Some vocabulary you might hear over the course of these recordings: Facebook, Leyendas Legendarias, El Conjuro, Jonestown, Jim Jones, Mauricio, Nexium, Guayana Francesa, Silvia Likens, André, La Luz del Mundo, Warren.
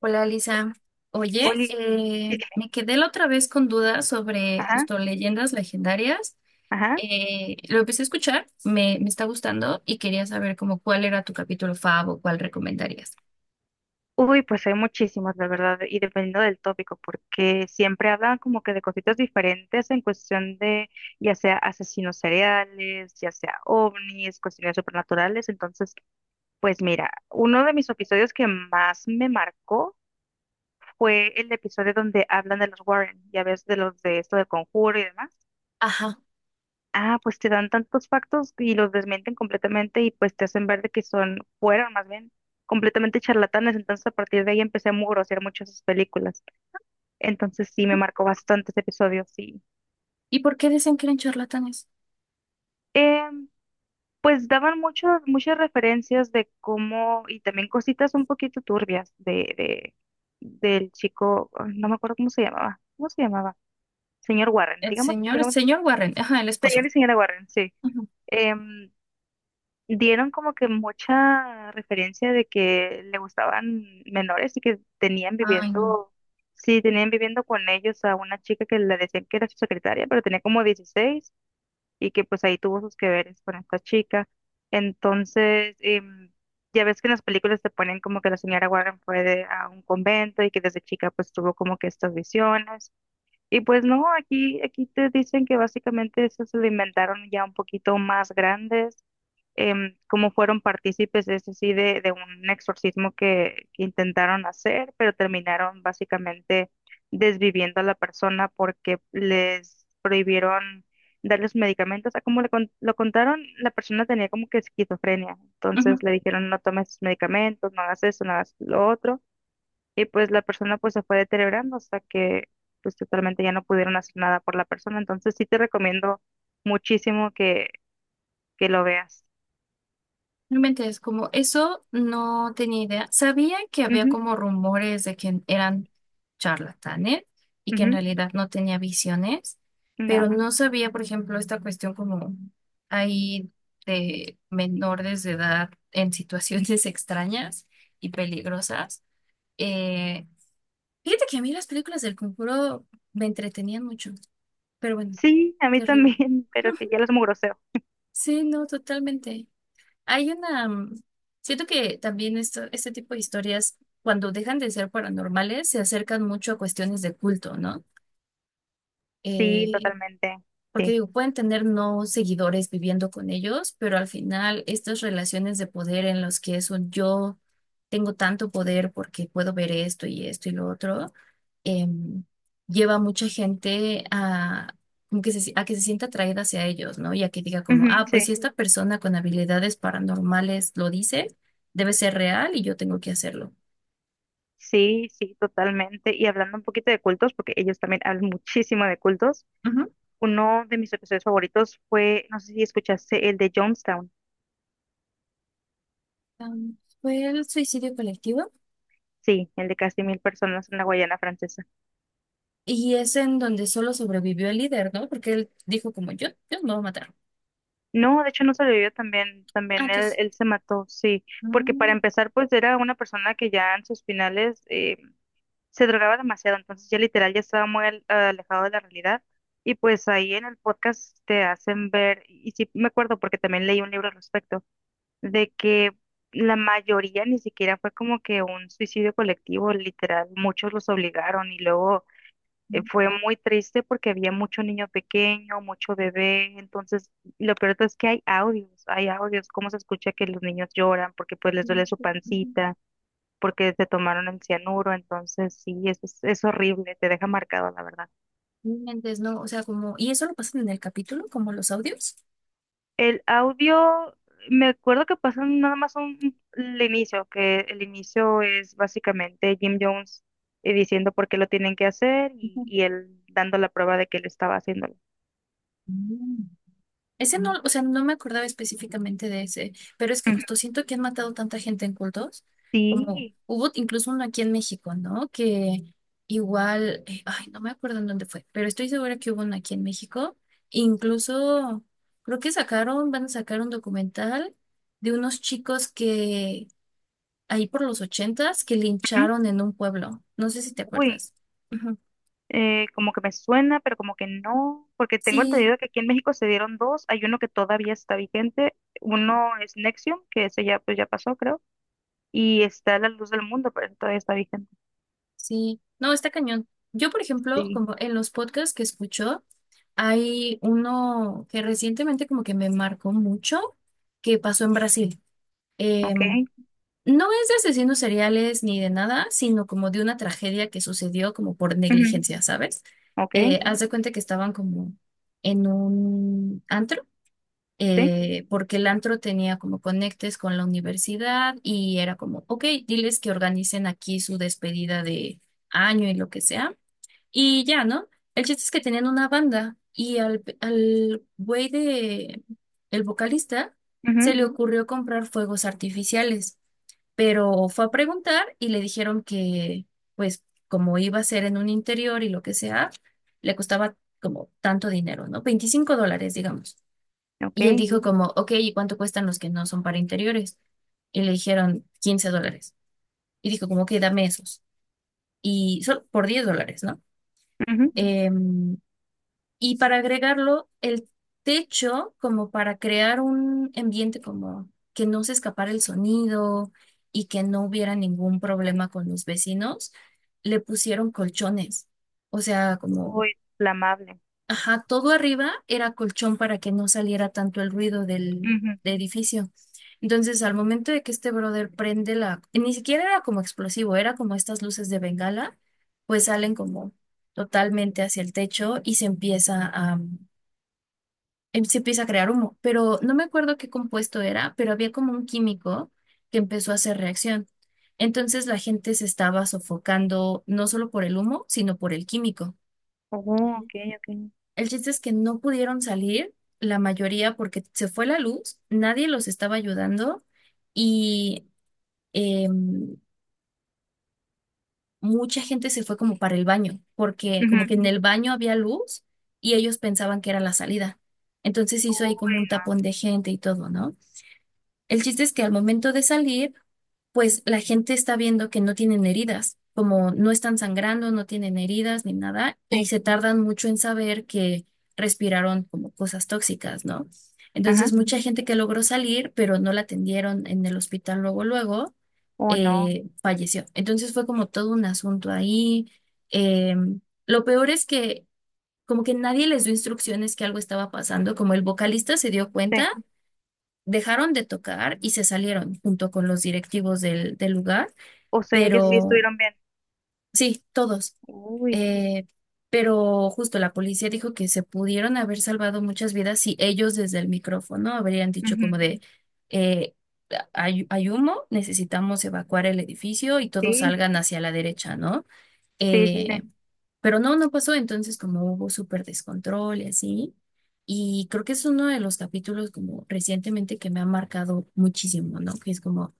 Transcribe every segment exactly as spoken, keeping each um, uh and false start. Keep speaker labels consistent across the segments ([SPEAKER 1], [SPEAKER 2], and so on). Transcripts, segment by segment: [SPEAKER 1] Hola, Lisa. Oye,
[SPEAKER 2] Oli, sí,
[SPEAKER 1] eh,
[SPEAKER 2] dime.
[SPEAKER 1] me quedé la otra vez con dudas sobre
[SPEAKER 2] Ajá,
[SPEAKER 1] justo Leyendas Legendarias.
[SPEAKER 2] ajá.
[SPEAKER 1] Eh, lo empecé a escuchar, me, me está gustando y quería saber como cuál era tu capítulo fav o cuál recomendarías.
[SPEAKER 2] Uy, pues hay muchísimos, la verdad, y dependiendo del tópico, porque siempre hablan como que de cositas diferentes en cuestión de, ya sea asesinos seriales, ya sea ovnis, cuestiones supernaturales. Entonces, pues mira, uno de mis episodios que más me marcó fue el episodio donde hablan de los Warren, ya ves, de los de esto del conjuro y demás.
[SPEAKER 1] Ajá.
[SPEAKER 2] Ah, pues te dan tantos factos y los desmienten completamente y pues te hacen ver de que son, fueron más bien, completamente charlatanes. Entonces a partir de ahí empecé a mugrosear mucho esas películas. Entonces sí, me marcó bastantes episodios, sí.
[SPEAKER 1] ¿Y por qué dicen que eran charlatanes?
[SPEAKER 2] Em, pues daban muchos, muchas referencias de cómo, y también cositas un poquito turbias de, de, del chico, ah, no me acuerdo cómo se llamaba, ¿cómo se llamaba? Señor Warren,
[SPEAKER 1] El
[SPEAKER 2] digamos,
[SPEAKER 1] señor, el
[SPEAKER 2] digamos,
[SPEAKER 1] señor Warren, ajá, el esposo.
[SPEAKER 2] señor y señora Warren, sí.
[SPEAKER 1] Ujú.
[SPEAKER 2] Em, dieron como que mucha referencia de que le gustaban menores y que tenían
[SPEAKER 1] Ay,
[SPEAKER 2] viviendo, sí, tenían viviendo con ellos a una chica que le decían que era su secretaria, pero tenía como dieciséis y que pues ahí tuvo sus que veres con esta chica. Entonces, em, ya ves que en las películas te ponen como que la señora Warren fue de- a un convento y que desde chica pues tuvo como que estas visiones y pues no, aquí, aquí te dicen que básicamente esos se lo inventaron ya un poquito más grandes, em, como fueron partícipes, es decir, de, de un exorcismo que, que intentaron hacer, pero terminaron básicamente desviviendo a la persona porque les prohibieron darles medicamentos. O sea, como le con- lo contaron, la persona tenía como que esquizofrenia,
[SPEAKER 1] no.
[SPEAKER 2] entonces le dijeron no tomes medicamentos, no hagas eso, no hagas lo otro. Y pues la persona pues se fue deteriorando hasta que pues totalmente ya no pudieron hacer nada por la persona. Entonces sí te recomiendo muchísimo que, que lo veas.
[SPEAKER 1] No inventes, como eso no tenía idea. Sabía que había
[SPEAKER 2] Ujú,
[SPEAKER 1] como rumores de que eran charlatanes y que en
[SPEAKER 2] ujú,
[SPEAKER 1] realidad no tenía visiones,
[SPEAKER 2] no.
[SPEAKER 1] pero no sabía, por ejemplo, esta cuestión como ahí de menores de edad en situaciones extrañas y peligrosas. Eh, Fíjate que a mí las películas del Conjuro me entretenían mucho, pero bueno,
[SPEAKER 2] Sí, a mí
[SPEAKER 1] terrible.
[SPEAKER 2] también, pero sí, ya lo es muy grosero.
[SPEAKER 1] Sí, no, totalmente. Hay una, mm, Siento que también esto, este tipo de historias, cuando dejan de ser paranormales, se acercan mucho a cuestiones de culto, ¿no?
[SPEAKER 2] Sí,
[SPEAKER 1] Eh,
[SPEAKER 2] totalmente.
[SPEAKER 1] Porque
[SPEAKER 2] Sí.
[SPEAKER 1] digo, pueden tener no seguidores viviendo con ellos, pero al final estas relaciones de poder en los que es un yo tengo tanto poder porque puedo ver esto y esto y lo otro, em, lleva a mucha gente a, como que se- a que se sienta atraída hacia ellos, ¿no? Y a que diga como,
[SPEAKER 2] Ujú,
[SPEAKER 1] ah,
[SPEAKER 2] sí.
[SPEAKER 1] pues si esta persona con habilidades paranormales lo dice, debe ser real y yo tengo que hacerlo.
[SPEAKER 2] Sí, sí, totalmente. Y hablando un poquito de cultos, porque ellos también hablan muchísimo de cultos,
[SPEAKER 1] Ujú.
[SPEAKER 2] uno de mis episodios favoritos fue, no sé si escuchaste, el de Jonestown.
[SPEAKER 1] Am, ¿Fue el suicidio colectivo?
[SPEAKER 2] Sí, el de casi mil personas en la Guayana Francesa.
[SPEAKER 1] Y es en donde solo sobrevivió el líder, ¿no? Porque él dijo como yo, yo no me voy a matar.
[SPEAKER 2] No, de hecho no sobrevivió también,
[SPEAKER 1] Ah,
[SPEAKER 2] también él,
[SPEAKER 1] entonces.
[SPEAKER 2] él se mató, sí, porque para
[SPEAKER 1] mm,
[SPEAKER 2] empezar pues era una persona que ya en sus finales eh, se drogaba demasiado, entonces ya literal ya estaba muy al- alejado de la realidad y pues ahí en el podcast te hacen ver, y sí me acuerdo porque también leí un libro al respecto, de que la mayoría ni siquiera fue como que un suicidio colectivo, literal, muchos los obligaron y luego eh, fue muy triste porque había mucho niño pequeño, mucho bebé, entonces lo peor es que hay audios, hay audios, cómo se escucha que los niños lloran porque pues les duele su pancita, porque se tomaron el cianuro, entonces sí, es, es, es horrible, te deja marcado la verdad.
[SPEAKER 1] Entonces, no, o sea, como, y eso lo pasan en el capítulo, como los audios.
[SPEAKER 2] El audio, me acuerdo que pasó nada más un, el inicio, que el inicio es básicamente Jim Jones eh, diciendo por qué lo tienen que hacer y, y él dando la prueba de que él estaba haciéndolo.
[SPEAKER 1] Ujú. Ese no, o sea, no me acordaba específicamente de ese, pero es que
[SPEAKER 2] Ujú.
[SPEAKER 1] justo siento que han matado tanta gente en cultos, como
[SPEAKER 2] Sí.
[SPEAKER 1] hubo incluso uno aquí en México, ¿no? Que igual, eh, ay, no me acuerdo en dónde fue, pero estoy segura que hubo uno aquí en México. Incluso creo que sacaron, van a sacar un documental de unos chicos que ahí por los ochentas que
[SPEAKER 2] Ujú.
[SPEAKER 1] lincharon en un pueblo. No sé si te
[SPEAKER 2] Uy.
[SPEAKER 1] acuerdas. Ujú.
[SPEAKER 2] eh, como que me suena, pero como que no, porque tengo
[SPEAKER 1] Sí.
[SPEAKER 2] entendido que aquí en México se dieron dos, hay uno que todavía está vigente, uno es Nexium, que ese ya pues ya pasó, creo, y está La Luz del Mundo, pero ese todavía está vigente.
[SPEAKER 1] Sí, no, está cañón. Yo, por ejemplo,
[SPEAKER 2] Sí,
[SPEAKER 1] como en los podcasts que escucho, hay uno que recientemente como que me marcó mucho, que pasó en Brasil. Eh,
[SPEAKER 2] ok,
[SPEAKER 1] no es de asesinos seriales ni de nada, sino como de una tragedia que sucedió como por
[SPEAKER 2] ujú,
[SPEAKER 1] negligencia, ¿sabes?
[SPEAKER 2] ok,
[SPEAKER 1] Eh, haz de cuenta que estaban como en un antro
[SPEAKER 2] sí,
[SPEAKER 1] eh, porque el antro tenía como conectes con la universidad y era como, ok, diles que organicen aquí su despedida de año y lo que sea. Y ya, ¿no? El chiste es que tenían una banda y al, al güey de, el vocalista, se
[SPEAKER 2] ujú,
[SPEAKER 1] le ocurrió comprar fuegos artificiales, pero fue a preguntar y le dijeron que, pues, como iba a ser en un interior y lo que sea, le costaba como tanto dinero, ¿no? Veinticinco dólares, digamos.
[SPEAKER 2] ok,
[SPEAKER 1] Y él dijo como, ok, ¿y cuánto cuestan los que no son para interiores? Y le dijeron quince dólares. Y dijo como, ok, dame esos. Y solo por diez dólares, ¿no?
[SPEAKER 2] ujú.
[SPEAKER 1] Em, y para agregarlo, el techo, como para crear un ambiente como que no se escapara el sonido y que no hubiera ningún problema con los vecinos, le pusieron colchones. O sea, como
[SPEAKER 2] Uy, inflamable.
[SPEAKER 1] ajá, todo arriba era colchón para que no saliera tanto el ruido del,
[SPEAKER 2] Ujú.
[SPEAKER 1] del edificio. Entonces, al momento de que este brother prende la, ni siquiera era como explosivo, era como estas luces de bengala, pues salen como totalmente hacia el techo y se empieza a, em- se empieza a crear humo. Pero no me acuerdo qué compuesto era, pero había como un químico que empezó a hacer reacción. Entonces la gente se estaba sofocando no solo por el humo, sino por el químico.
[SPEAKER 2] Oh, ok, ok.
[SPEAKER 1] El chiste es que no pudieron salir, la mayoría, porque se fue la luz, nadie los estaba ayudando y em, mucha gente se fue como para el baño, porque
[SPEAKER 2] Ujú.
[SPEAKER 1] como que en el baño había luz y ellos pensaban que era la salida. Entonces hizo ahí
[SPEAKER 2] Uy,
[SPEAKER 1] como un tapón de gente y todo, ¿no? El chiste es que al momento de salir, pues la gente está viendo que no tienen heridas, como no están sangrando, no tienen heridas ni nada, y
[SPEAKER 2] sí,
[SPEAKER 1] se tardan mucho en saber que respiraron como cosas tóxicas, ¿no?
[SPEAKER 2] ajá,
[SPEAKER 1] Entonces, mucha gente que logró salir, pero no la atendieron en el hospital luego, luego,
[SPEAKER 2] oh no,
[SPEAKER 1] eh, falleció. Entonces fue como todo un asunto ahí. Eh, lo peor es que como que nadie les dio instrucciones que algo estaba pasando, como el vocalista se dio
[SPEAKER 2] sí,
[SPEAKER 1] cuenta, dejaron de tocar y se salieron junto con los directivos del, del lugar,
[SPEAKER 2] o sea, ellos sí
[SPEAKER 1] pero
[SPEAKER 2] estuvieron bien.
[SPEAKER 1] sí, todos.
[SPEAKER 2] Uy,
[SPEAKER 1] Eh, pero justo la policía dijo que se pudieron haber salvado muchas vidas si ellos desde el micrófono habrían dicho
[SPEAKER 2] ujú.
[SPEAKER 1] como de, eh, hay, hay humo, necesitamos evacuar el edificio y todos
[SPEAKER 2] Sí,
[SPEAKER 1] salgan hacia la derecha, ¿no?
[SPEAKER 2] sí, sí,
[SPEAKER 1] Eh, pero no, no pasó, entonces como hubo súper descontrol y así. Y creo que es uno de los capítulos como recientemente que me ha marcado muchísimo, ¿no? Que es como,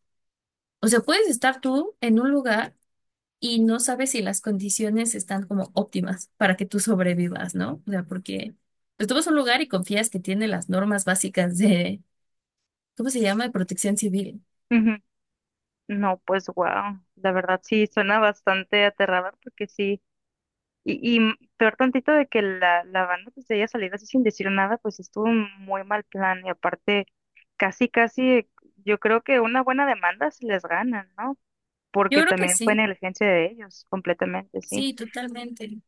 [SPEAKER 1] o sea, puedes estar tú en un lugar y no sabes si las condiciones están como óptimas para que tú sobrevivas, ¿no? O sea, porque pues, tú vas a un lugar y confías que tiene las normas básicas de, ¿cómo se llama? De protección civil.
[SPEAKER 2] sí. No, pues wow, la verdad sí suena bastante aterrador porque sí, y, y peor tantito de que la, la banda pues de ella salir así sin decir nada, pues estuvo un muy mal plan y aparte casi casi yo creo que una buena demanda se les gana, ¿no?
[SPEAKER 1] Yo
[SPEAKER 2] Porque
[SPEAKER 1] creo que
[SPEAKER 2] también fue
[SPEAKER 1] sí,
[SPEAKER 2] negligencia de ellos completamente, sí.
[SPEAKER 1] sí, totalmente.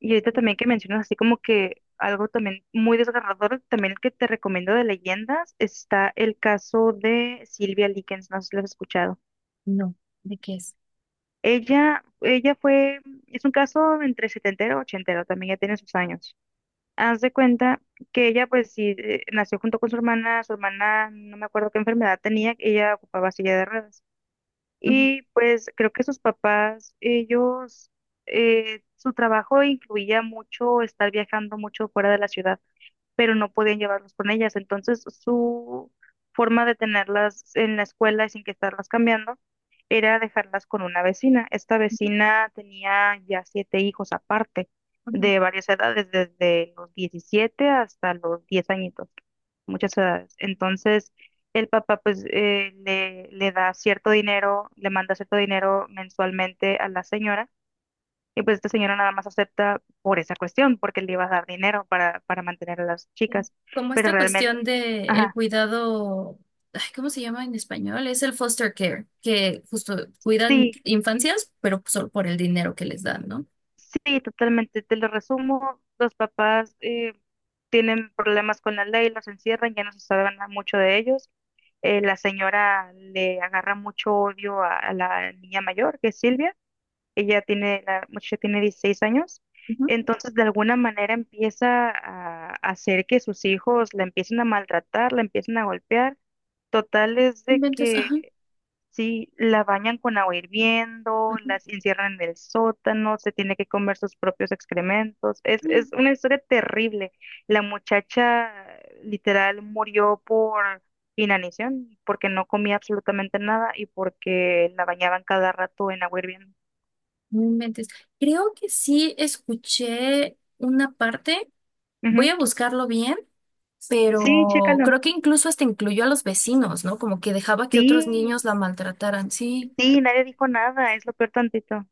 [SPEAKER 2] Y ahorita también que mencionas así como que algo también muy desgarrador, también el que te recomiendo de leyendas, está el caso de Silvia Likens, no sé si lo has escuchado.
[SPEAKER 1] No, ¿de qué es?
[SPEAKER 2] Ella, ella fue, es un caso entre setentero y ochentero, también ya tiene sus años. Haz de cuenta que ella, pues sí, eh, nació junto con su hermana, su hermana, no me acuerdo qué enfermedad tenía, ella ocupaba silla de ruedas.
[SPEAKER 1] Ujú,
[SPEAKER 2] Y pues creo que sus papás, ellos, eh, su trabajo incluía mucho estar viajando mucho fuera de la ciudad pero no podían llevarlos con ellas. Entonces, su forma de tenerlas en la escuela y sin que estarlas cambiando era dejarlas con una vecina. Esta vecina tenía ya siete hijos aparte,
[SPEAKER 1] ujú.
[SPEAKER 2] de varias edades, desde los diecisiete hasta los diez añitos, muchas edades. Entonces, el papá pues eh, le, le da cierto dinero, le manda cierto dinero mensualmente a la señora y pues esta señora nada más acepta por esa cuestión, porque le iba a dar dinero para, para mantener a las
[SPEAKER 1] Sí.
[SPEAKER 2] chicas.
[SPEAKER 1] Como
[SPEAKER 2] Pero
[SPEAKER 1] esta
[SPEAKER 2] realmente,
[SPEAKER 1] cuestión de el
[SPEAKER 2] ajá,
[SPEAKER 1] cuidado, ay, ¿cómo se llama en español? Es el foster care, que justo cuidan
[SPEAKER 2] sí,
[SPEAKER 1] infancias, pero solo por el dinero que les dan, ¿no?
[SPEAKER 2] sí, totalmente. Te lo resumo, los papás eh, tienen problemas con la ley, los encierran, ya no se sabe nada mucho de ellos. Eh, la señora le agarra mucho odio a, a la niña mayor, que es Silvia. Ella tiene, la muchacha tiene dieciséis años.
[SPEAKER 1] Ujú.
[SPEAKER 2] Entonces, de alguna manera empieza a a hacer que sus hijos la empiecen a maltratar, la empiecen a golpear. Total es de
[SPEAKER 1] Inventes, ajá,
[SPEAKER 2] que sí, la bañan con agua hirviendo, las
[SPEAKER 1] ajá.
[SPEAKER 2] encierran en el sótano, se tiene que comer sus propios excrementos. Es, es una historia terrible. La muchacha literal murió por inanición, porque no comía absolutamente nada y porque la bañaban cada rato en agua hirviendo.
[SPEAKER 1] No inventes. Creo que sí escuché una parte, voy
[SPEAKER 2] Ujú.
[SPEAKER 1] a buscarlo bien,
[SPEAKER 2] Sí,
[SPEAKER 1] pero
[SPEAKER 2] chécalo.
[SPEAKER 1] creo que incluso hasta incluyó a los vecinos, ¿no? Como que dejaba que otros
[SPEAKER 2] Sí,
[SPEAKER 1] niños la maltrataran. Sí.
[SPEAKER 2] sí, nadie dijo nada, es lo peor tantito.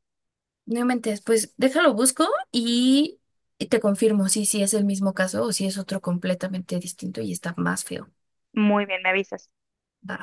[SPEAKER 1] No inventes, pues déjalo busco y, y te confirmo si, si es el mismo caso o si es otro completamente distinto y está más feo.
[SPEAKER 2] Muy bien, me avisas.
[SPEAKER 1] Va.